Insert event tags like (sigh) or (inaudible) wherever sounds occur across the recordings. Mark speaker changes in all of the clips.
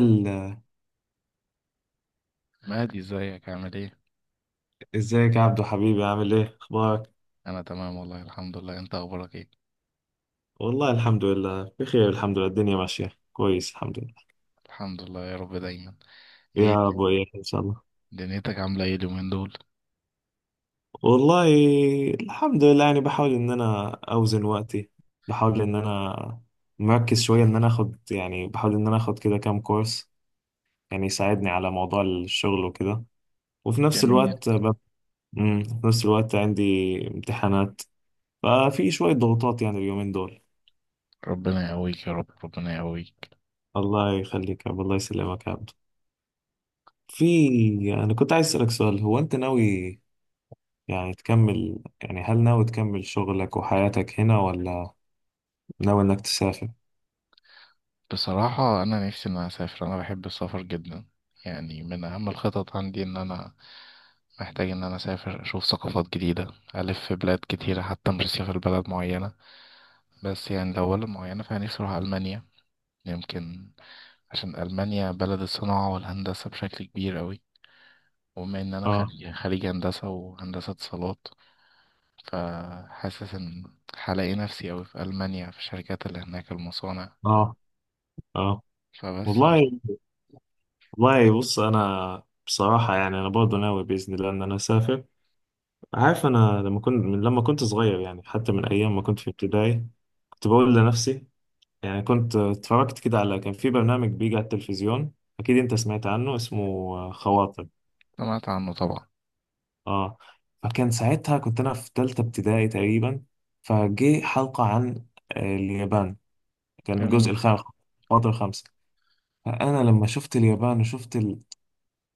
Speaker 1: ال-
Speaker 2: مهدي، ازيك؟ عامل ايه؟
Speaker 1: ازيك يا عبدو حبيبي، عامل ايه؟ اخبارك؟
Speaker 2: انا تمام، والله الحمد لله. انت اخبارك ايه؟
Speaker 1: والله الحمد لله بخير، الحمد لله. الدنيا ماشيه كويس، الحمد لله.
Speaker 2: الحمد لله يا رب دايما. ايه.
Speaker 1: يا ابو ايه ان شاء الله.
Speaker 2: دنيتك عامله ايه اليومين دول؟
Speaker 1: والله الحمد لله، يعني بحاول ان انا اوزن وقتي، بحاول ان انا مركز شويه، ان انا اخد يعني، بحاول ان انا اخد كده كام كورس يعني يساعدني على موضوع الشغل وكده، وفي نفس
Speaker 2: جميل.
Speaker 1: الوقت في نفس الوقت عندي امتحانات، ففي شويه ضغوطات يعني اليومين دول.
Speaker 2: ربنا يقويك يا رب، ربنا يقويك.
Speaker 1: الله يخليك يا عبد، الله يسلمك يا عبد. أنا كنت عايز أسألك سؤال، هو أنت ناوي يعني تكمل، يعني هل ناوي تكمل شغلك وحياتك هنا ولا ناوي إنك تسافر؟
Speaker 2: بصراحه انا نفسي ان انا اسافر، انا بحب السفر جدا. يعني من اهم الخطط عندي ان انا محتاج ان انا اسافر اشوف ثقافات جديده، الف في بلاد كتيره، حتى مش هسافر بلد معينه. بس يعني لو بلد معينه فانا نفسي اروح المانيا، يمكن. عشان المانيا بلد الصناعه والهندسه بشكل كبير أوي. وبما ان انا
Speaker 1: آه.
Speaker 2: خريج هندسه وهندسه اتصالات، فحاسس ان هلاقي نفسي اوي في المانيا، في الشركات اللي هناك، المصانع.
Speaker 1: آه. آه.
Speaker 2: فبس من...
Speaker 1: والله. والله، بص أنا بصراحة يعني أنا برضه ناوي بإذن الله إن أنا أسافر. عارف، أنا لما كنت، من لما كنت صغير يعني، حتى من أيام ما كنت في ابتدائي، كنت بقول لنفسي، يعني كنت اتفرجت كده على، كان في برنامج بيجي على التلفزيون، أكيد أنت سمعت عنه، اسمه خواطر.
Speaker 2: سمعت عنه طبعا.
Speaker 1: اه. فكان ساعتها كنت انا في تالتة ابتدائي تقريبا، فجه حلقة عن اليابان. كان الجزء
Speaker 2: جميل.
Speaker 1: الخامس، الفاضل الخامس. فانا لما شفت اليابان وشفت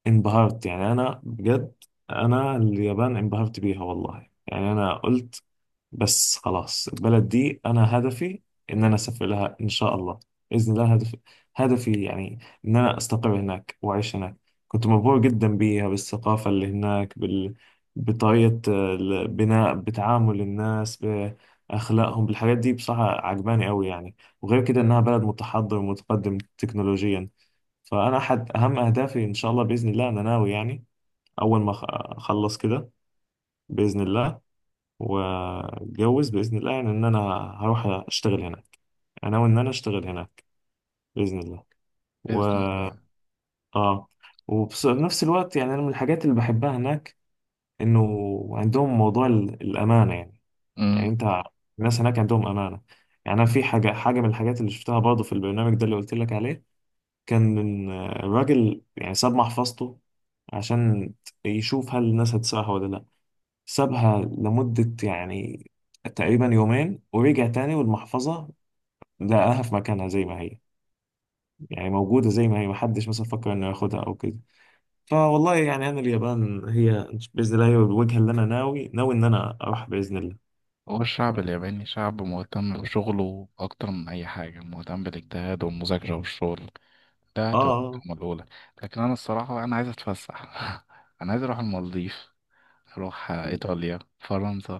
Speaker 1: انبهرت يعني، انا بجد، انا اليابان انبهرت بيها والله. يعني انا قلت بس خلاص، البلد دي انا هدفي ان انا اسافر لها ان شاء الله، باذن الله هدفي، هدفي يعني ان انا استقر هناك واعيش هناك. كنت مبهور جدا بيها، بالثقافه اللي هناك، بطريقه البناء، بتعامل الناس، باخلاقهم، بالحاجات دي بصراحه عجباني قوي يعني. وغير كده انها بلد متحضر ومتقدم تكنولوجيا. فانا احد اهم اهدافي ان شاء الله، باذن الله انا ناوي يعني اول ما اخلص كده باذن الله، واتجوز باذن الله، يعني ان انا هروح اشتغل هناك، انا وان انا اشتغل هناك باذن الله و
Speaker 2: باذن الله.
Speaker 1: اه. وفي نفس الوقت يعني انا من الحاجات اللي بحبها هناك انه عندهم موضوع الامانه يعني. يعني
Speaker 2: امم.
Speaker 1: انت، الناس هناك عندهم امانه. يعني انا في حاجه من الحاجات اللي شفتها برضه في البرنامج ده اللي قلت لك عليه، كان إن الراجل يعني ساب محفظته عشان يشوف هل الناس هتسرقها ولا لا. سابها لمده يعني تقريبا يومين، ورجع تاني والمحفظة لقاها في مكانها زي ما هي. يعني موجودة زي ما هي، محدش مثلا فكر انه ياخدها او كده. فوالله يعني انا اليابان هي، بإذن الله هي الوجهة اللي انا ناوي، ناوي ان انا اروح بإذن الله.
Speaker 2: هو الشعب الياباني شعب مهتم بشغله اكتر من اي حاجه، مهتم بالاجتهاد والمذاكره والشغل. ده هتبقى
Speaker 1: اه.
Speaker 2: المكالمة الاولى. لكن انا الصراحه، انا عايز اتفسح (laughs) انا عايز اروح المالديف، اروح ايطاليا، فرنسا.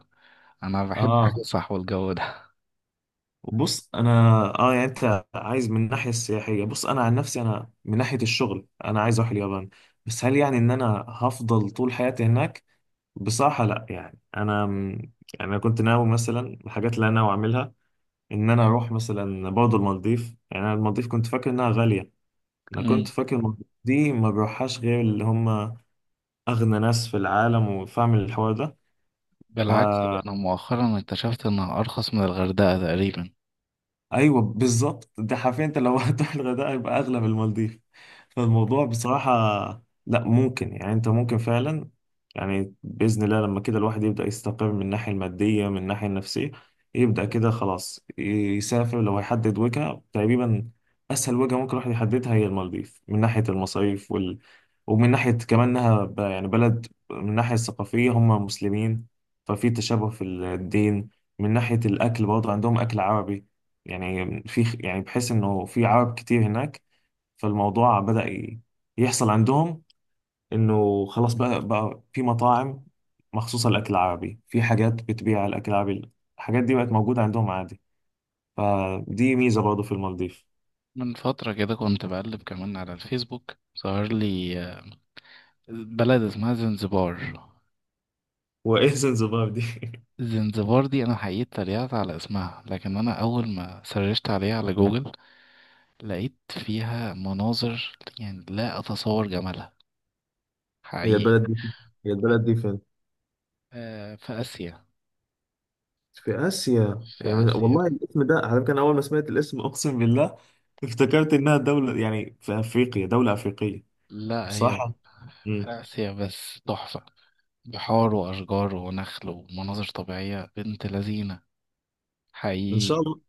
Speaker 2: انا بحب
Speaker 1: اه.
Speaker 2: الفسح والجو.
Speaker 1: بص انا، اه يعني انت عايز من الناحية السياحية. بص انا عن نفسي، انا من ناحية الشغل انا عايز اروح اليابان. بس هل يعني ان انا هفضل طول حياتي هناك؟ بصراحة لا، يعني انا، يعني انا كنت ناوي مثلا، الحاجات اللي انا ناوي اعملها ان انا اروح مثلا برضه المالديف. يعني انا المالديف كنت فاكر انها غاليه، انا كنت
Speaker 2: ده.
Speaker 1: فاكر المالديف دي ما بروحهاش غير اللي هم اغنى ناس في العالم وفاهم الحوار ده. ف
Speaker 2: بالعكس، لأنه مؤخرا اكتشفت إنها أرخص من الغردقة تقريبا.
Speaker 1: ايوه بالظبط، ده حرفيا، انت لو (laughs) هتروح الغردقه يبقى اغلى من المالديف. فالموضوع بصراحه لا، ممكن يعني انت ممكن فعلا يعني باذن الله لما كده الواحد يبدا يستقر من الناحيه الماديه من الناحيه النفسيه، يبدا كده خلاص يسافر، لو هيحدد وجهه تقريبا اسهل وجهه ممكن الواحد يحددها هي المالديف، من ناحيه المصاريف ومن ناحيه كمان انها يعني بلد من الناحيه الثقافيه هم مسلمين، ففي تشابه في الدين. من ناحيه الاكل برضه عندهم اكل عربي، يعني في، يعني بحس انه في عرب كتير هناك، فالموضوع بدأ يحصل عندهم انه خلاص بقى في مطاعم مخصوصة للأكل العربي، في حاجات بتبيع الأكل العربي، الحاجات دي بقت موجودة عندهم عادي، فدي ميزة برضه في المالديف.
Speaker 2: من فترة كده كنت بقلب كمان على الفيسبوك، ظهر لي بلد اسمها زنزبار.
Speaker 1: (laughs) وإيه زنزبار دي؟ (laughs)
Speaker 2: زنزبار دي أنا حقيقي اتريقت على اسمها، لكن أنا أول ما سرشت عليها على جوجل لقيت فيها مناظر، يعني لا أتصور جمالها.
Speaker 1: هي
Speaker 2: حقيقي.
Speaker 1: البلد دي هي البلد دي فين؟
Speaker 2: في آسيا.
Speaker 1: في آسيا
Speaker 2: في
Speaker 1: يعني،
Speaker 2: آسيا،
Speaker 1: والله الاسم ده على فكرة، أنا أول ما سمعت الاسم أقسم بالله (laughs) افتكرت إنها دولة يعني في أفريقيا، دولة أفريقية.
Speaker 2: لا هي في
Speaker 1: بصراحة. مم.
Speaker 2: آسيا، بس تحفة. بحار وأشجار ونخل ومناظر طبيعية بنت لذينة.
Speaker 1: إن شاء
Speaker 2: حقيقي.
Speaker 1: الله.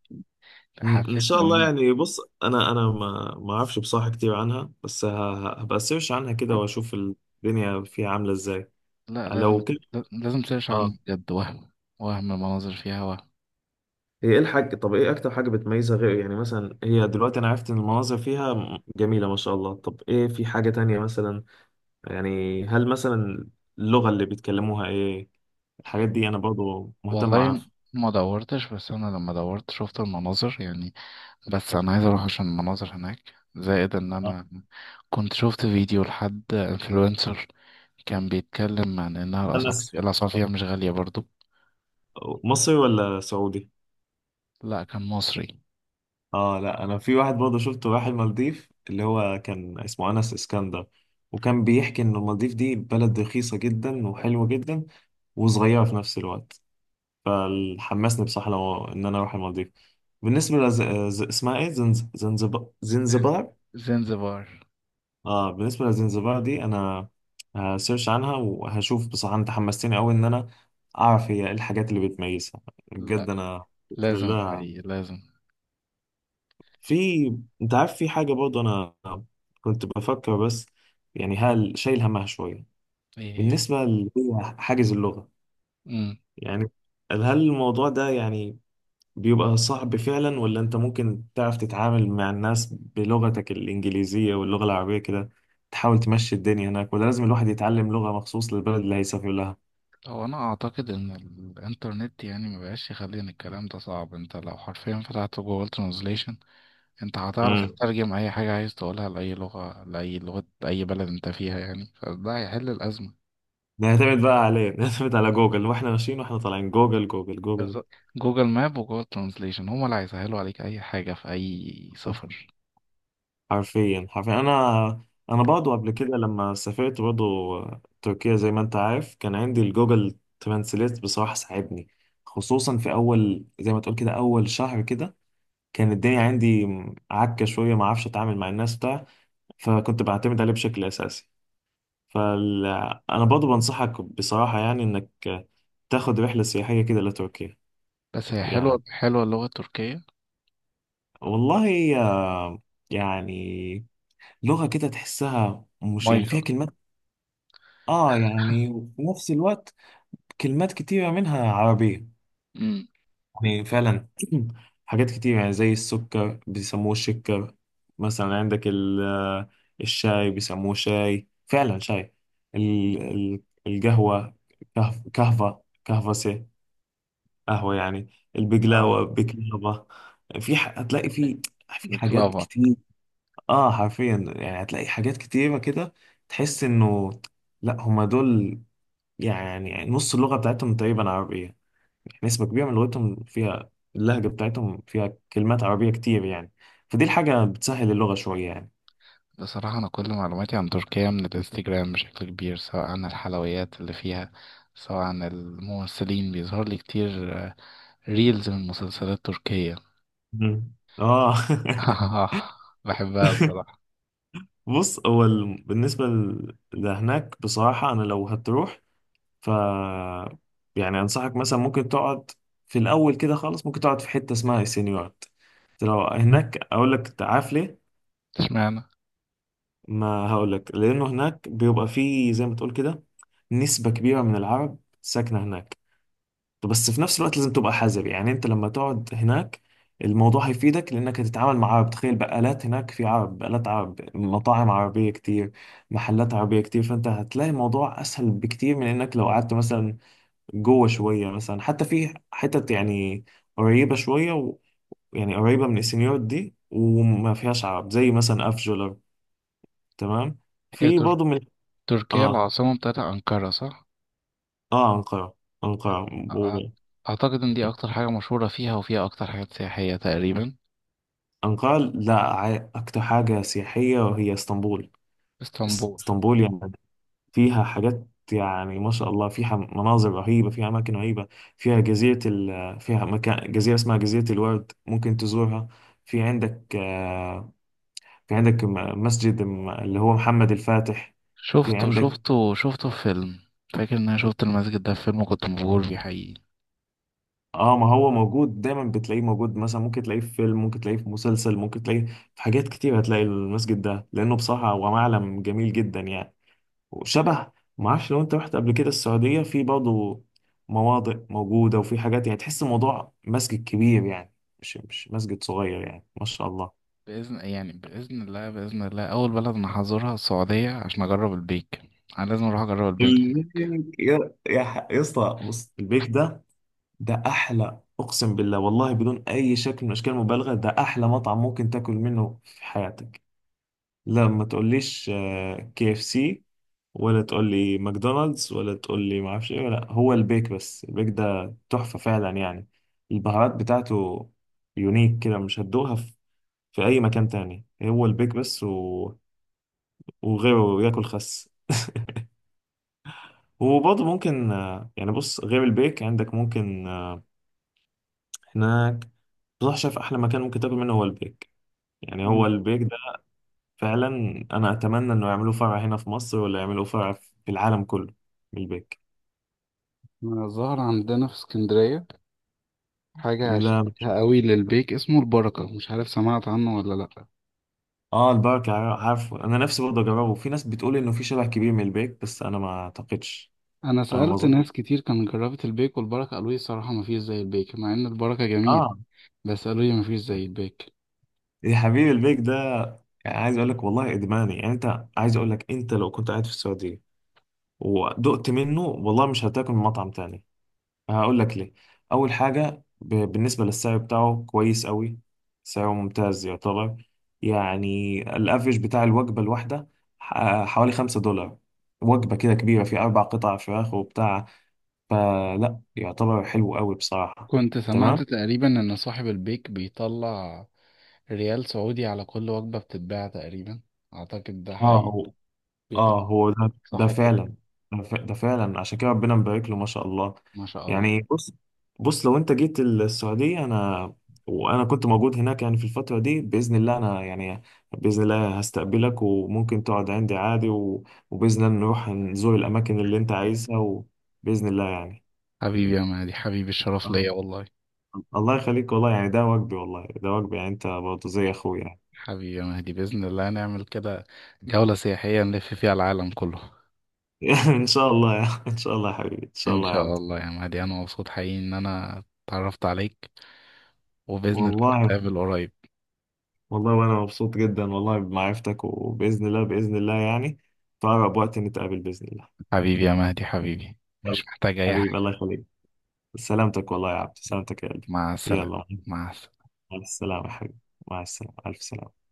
Speaker 1: إن
Speaker 2: حسيت
Speaker 1: شاء
Speaker 2: ان
Speaker 1: الله
Speaker 2: انا...
Speaker 1: يعني. بص انا ما اعرفش بصراحه كتير عنها، بس هبقى سيرش عنها كده واشوف الدنيا فيها عامله ازاي.
Speaker 2: لا، لازم.
Speaker 1: لو كده.
Speaker 2: لازم تسيرش
Speaker 1: اه
Speaker 2: عن بجد. وهم المناظر فيها، وهم...
Speaker 1: هي ايه الحاجه، طب ايه اكتر حاجه بتميزها غير، يعني مثلا هي دلوقتي انا عرفت ان المناظر فيها جميله ما شاء الله، طب ايه في حاجه تانية مثلا، يعني هل مثلا اللغه اللي بيتكلموها ايه؟ الحاجات دي انا برضو مهتم
Speaker 2: والله
Speaker 1: اعرف.
Speaker 2: ما دورتش، بس انا لما دورت شفت المناظر يعني. بس انا عايز اروح عشان المناظر هناك، زائد ان
Speaker 1: آه.
Speaker 2: انا كنت شفت فيديو لحد انفلونسر كان بيتكلم عن انها
Speaker 1: انا
Speaker 2: الاسعار فيها مش غالية برضو.
Speaker 1: مصري ولا سعودي؟
Speaker 2: لا، كان مصري.
Speaker 1: اه لا، انا في واحد برضه شفته راح المالديف، اللي هو كان اسمه انس اسكندر، وكان بيحكي ان المالديف دي بلد رخيصه جدا وحلوه جدا وصغيره في نفس الوقت، فحمسني بصراحه لو ان انا اروح المالديف. بالنسبه اسمها ايه؟ زنزبار، زنزبار.
Speaker 2: زنزبار.
Speaker 1: اه بالنسبه لزنزبار دي انا هسيرش عنها وهشوف، بصراحه انت حمستني قوي ان انا اعرف هي ايه الحاجات اللي بتميزها،
Speaker 2: لا،
Speaker 1: بجد انا باذن
Speaker 2: لازم
Speaker 1: الله.
Speaker 2: حقيقي لازم.
Speaker 1: في، انت عارف في حاجة برضه انا كنت بفكر بس، يعني هل شايل همها شوية
Speaker 2: ايه.
Speaker 1: بالنسبة اللي هي حاجز اللغة،
Speaker 2: هي.
Speaker 1: يعني هل الموضوع ده يعني بيبقى صعب فعلا، ولا انت ممكن تعرف تتعامل مع الناس بلغتك الإنجليزية واللغة العربية كده، تحاول تمشي الدنيا هناك، ولا لازم الواحد يتعلم لغة مخصوص للبلد اللي هيسافر لها.
Speaker 2: هو انا اعتقد ان الانترنت يعني مبقاش يخلي ان الكلام ده صعب. انت لو حرفيا فتحت جوجل ترانزليشن، انت هتعرف
Speaker 1: امم
Speaker 2: تترجم اي حاجة عايز تقولها لأي لغة، لأي لغة أي بلد انت فيها، يعني فده هيحل الأزمة.
Speaker 1: نعتمد بقى عليه، نعتمد على جوجل، واحنا ماشيين واحنا طالعين جوجل جوجل جوجل.
Speaker 2: بالظبط. جوجل ماب وجوجل ترانزليشن هما اللي هيسهلوا عليك أي حاجة في أي سفر.
Speaker 1: حرفيا حرفيا، انا برضه قبل كده لما سافرت برضه تركيا زي ما انت عارف، كان عندي الجوجل ترانسليت بصراحة ساعدني، خصوصا في اول، زي ما تقول كده، اول شهر كده كان الدنيا عندي عكة شوية، ما اعرفش اتعامل مع الناس بتاع، فكنت بعتمد عليه بشكل اساسي. فال انا برضه بنصحك بصراحة يعني انك تاخد رحلة سياحية كده لتركيا.
Speaker 2: بس هي
Speaker 1: يعني
Speaker 2: حلوة حلوة اللغة التركية.
Speaker 1: والله يعني لغة كده تحسها مش يعني فيها
Speaker 2: مايكل.
Speaker 1: كلمات. اه يعني، وفي نفس الوقت كلمات كتيرة منها عربية،
Speaker 2: امم.
Speaker 1: يعني فعلا. (clears throat) حاجات كتير يعني زي السكر بيسموه شكر مثلا، عندك الشاي بيسموه شاي، فعلا شاي. ال- ال- القهوة، كهفة، كهفسة، قهوة يعني.
Speaker 2: اه.
Speaker 1: البقلاوة، بقلاوة. في هتلاقي في حاجات
Speaker 2: بكلافا.
Speaker 1: كتير. اه حرفيا يعني هتلاقي حاجات كتيرة كده، تحس انه لا، هما دول يعني نص اللغة بتاعتهم تقريبا عربية، يعني نسبة كبيرة من لغتهم فيها، اللهجة بتاعتهم فيها كلمات عربية كتير يعني، فدي الحاجة بتسهل اللغة شوية يعني.
Speaker 2: بصراحة أنا كل معلوماتي عن تركيا من الانستجرام بشكل كبير، سواء عن الحلويات اللي فيها، سواء عن الممثلين. بيظهر لي كتير ريلز من مسلسلات تركية
Speaker 1: مم. اه.
Speaker 2: (laughs) بحبها
Speaker 1: (laughs)
Speaker 2: الصراحة.
Speaker 1: بص هو بالنسبة لهناك بصراحة، أنا لو هتروح ف يعني أنصحك مثلا ممكن تقعد في الأول كده خالص، ممكن تقعد في حتة اسمها السينيورات لو هناك، أقول لك عارف ليه؟
Speaker 2: اشمعنى.
Speaker 1: ما هقولك لأنه هناك بيبقى فيه، زي ما تقول كده، نسبة كبيرة من العرب ساكنة هناك، بس في نفس الوقت لازم تبقى حذر. يعني أنت لما تقعد هناك الموضوع هيفيدك، لأنك هتتعامل مع عرب، تخيل بقالات هناك في عرب، بقالات عرب، مطاعم عربية كتير، محلات عربية كتير، فأنت هتلاقي الموضوع أسهل بكتير من إنك لو قعدت مثلا جوه شوية، مثلا حتى في حتت يعني قريبة شوية يعني قريبة من السنيور دي وما فيهاش عرب، زي مثلا أفجولر. تمام.
Speaker 2: هي
Speaker 1: في برضه
Speaker 2: تركيا
Speaker 1: اه.
Speaker 2: العاصمة بتاعت أنقرة صح؟
Speaker 1: اه. أنقرة
Speaker 2: أع-
Speaker 1: و-
Speaker 2: أعتقد إن دي أكتر حاجة مشهورة فيها وفيها أكتر حاجات سياحية تقريبا.
Speaker 1: أنقرة. لا، أكتر حاجة سياحية وهي اسطنبول.
Speaker 2: اسطنبول.
Speaker 1: اسطنبول يعني فيها حاجات، يعني ما شاء الله فيها مناظر رهيبة، فيها أماكن رهيبة، فيها جزيرة فيها مكان، جزيرة اسمها جزيرة الورد، ممكن تزورها. في عندك في عندك مسجد اللي هو محمد الفاتح. في
Speaker 2: شفته
Speaker 1: عندك.
Speaker 2: شفته شفته في فيلم، فاكر إن أنا شفت المسجد ده في فيلم وكنت مبهور بيه حقيقي.
Speaker 1: اه ما هو موجود دايما، بتلاقيه موجود مثلا، ممكن تلاقيه في فيلم، ممكن تلاقيه في مسلسل، ممكن تلاقيه في حاجات كتير، هتلاقي المسجد ده لانه بصراحة هو معلم جميل جدا يعني، وشبه، ما اعرفش لو انت رحت قبل كده السعودية في برضه مواضع موجودة، وفي حاجات يعني تحس الموضوع مسجد كبير يعني، مش مسجد صغير يعني ما شاء الله.
Speaker 2: بإذن الله أول بلد أنا هزورها السعودية عشان أجرب البيك. أنا لازم أروح أجرب البيك
Speaker 1: البيك،
Speaker 2: هناك.
Speaker 1: يا يا اسطى بص، البيك ده، ده احلى، اقسم بالله والله بدون اي شكل من اشكال المبالغه، ده احلى مطعم ممكن تاكل منه في حياتك. لا ما تقوليش KFC، ولا تقولي ماكدونالدز، ولا تقولي ما اعرفش ايه، ولا هو البيك بس، البيك ده تحفة فعلا يعني، البهارات بتاعته يونيك كده، مش هتدوقها في اي مكان تاني، هو البيك بس وغيره ياكل خس. (laughs) وبرضه ممكن يعني بص، غير البيك عندك ممكن هناك بصراحة، شايف أحلى مكان ممكن تاكل منه هو البيك، يعني هو
Speaker 2: مم.
Speaker 1: البيك ده فعلا. أنا أتمنى إنه يعملوه فرع هنا في مصر، ولا يعملوه فرع في العالم كله، البيك.
Speaker 2: ظهر عندنا في اسكندرية حاجة
Speaker 1: لا.
Speaker 2: شبيهة قوي للبيك اسمه البركة، مش عارف سمعت عنه ولا لأ.
Speaker 1: اه البركة، عارفه انا، نفسي برضه اجربه، في ناس بتقول انه في شبه كبير من البيك، بس انا ما اعتقدش.
Speaker 2: أنا
Speaker 1: انا ما
Speaker 2: سألت
Speaker 1: اظن.
Speaker 2: ناس كتير كانت جربت البيك والبركة، قالوا لي الصراحة مفيش زي البيك مع إن البركة جميل.
Speaker 1: اه.
Speaker 2: بس قالوا لي مفيش زي البيك.
Speaker 1: يا حبيبي البيك ده، يعني عايز اقول لك والله ادماني، يعني انت عايز اقول لك انت لو كنت قاعد في السعودية ودقت منه، والله مش هتاكل من مطعم تاني. هقول لك ليه. اول حاجة بالنسبة للسعر بتاعه كويس قوي، سعره ممتاز يعتبر، يعني الافرج بتاع الوجبة الواحدة حوالي $5، وجبة كده كبيرة في أربع قطع فراخ وبتاع، فلا يعتبر حلو قوي بصراحة.
Speaker 2: كنت
Speaker 1: تمام.
Speaker 2: سمعت تقريبا إن صاحب البيك بيطلع ريال سعودي على كل وجبة بتتباع تقريبا، أعتقد ده
Speaker 1: اه.
Speaker 2: حقيقي.
Speaker 1: هو
Speaker 2: بيطلع.
Speaker 1: اه. هو ده
Speaker 2: صح كده.
Speaker 1: فعلا، ده ده فعلا عشان كده ربنا مبارك له ما شاء الله.
Speaker 2: ما شاء الله.
Speaker 1: يعني بص، بص لو انت جيت السعودية، انا وانا كنت موجود هناك يعني في الفترة دي بإذن الله، انا يعني بإذن الله هستقبلك، وممكن تقعد عندي عادي وبإذن الله نروح نزور الاماكن اللي انت عايزها، وبإذن الله يعني.
Speaker 2: حبيبي يا مهدي، حبيبي الشرف
Speaker 1: آه.
Speaker 2: ليا والله.
Speaker 1: الله يخليك والله يعني، ده واجبي، والله ده واجبي يعني، انت برضه زي اخويا يعني.
Speaker 2: حبيبي يا مهدي، بإذن الله نعمل كده، جولة سياحية نلف فيها العالم كله.
Speaker 1: (laughs) ان شاء الله، يا ان شاء الله يا حبيبي، ان شاء
Speaker 2: إن
Speaker 1: الله يا
Speaker 2: شاء
Speaker 1: عبد.
Speaker 2: الله يا مهدي، أنا مبسوط حقيقي إن أنا اتعرفت عليك، وبإذن الله
Speaker 1: والله.
Speaker 2: نتقابل قريب.
Speaker 1: والله وانا مبسوط جدا والله بمعرفتك، وباذن الله باذن الله يعني، في اقرب وقت نتقابل باذن الله.
Speaker 2: حبيبي يا مهدي، حبيبي.
Speaker 1: يلا،
Speaker 2: مش محتاج أي
Speaker 1: حبيبي
Speaker 2: حاجة.
Speaker 1: الله يخليك، سلامتك والله يا عبد، سلامتك يا قلبي.
Speaker 2: مع السلامة.
Speaker 1: يلا.
Speaker 2: مع السلامة.
Speaker 1: مع السلامه يا حبيبي. مع السلامه، الف سلامه.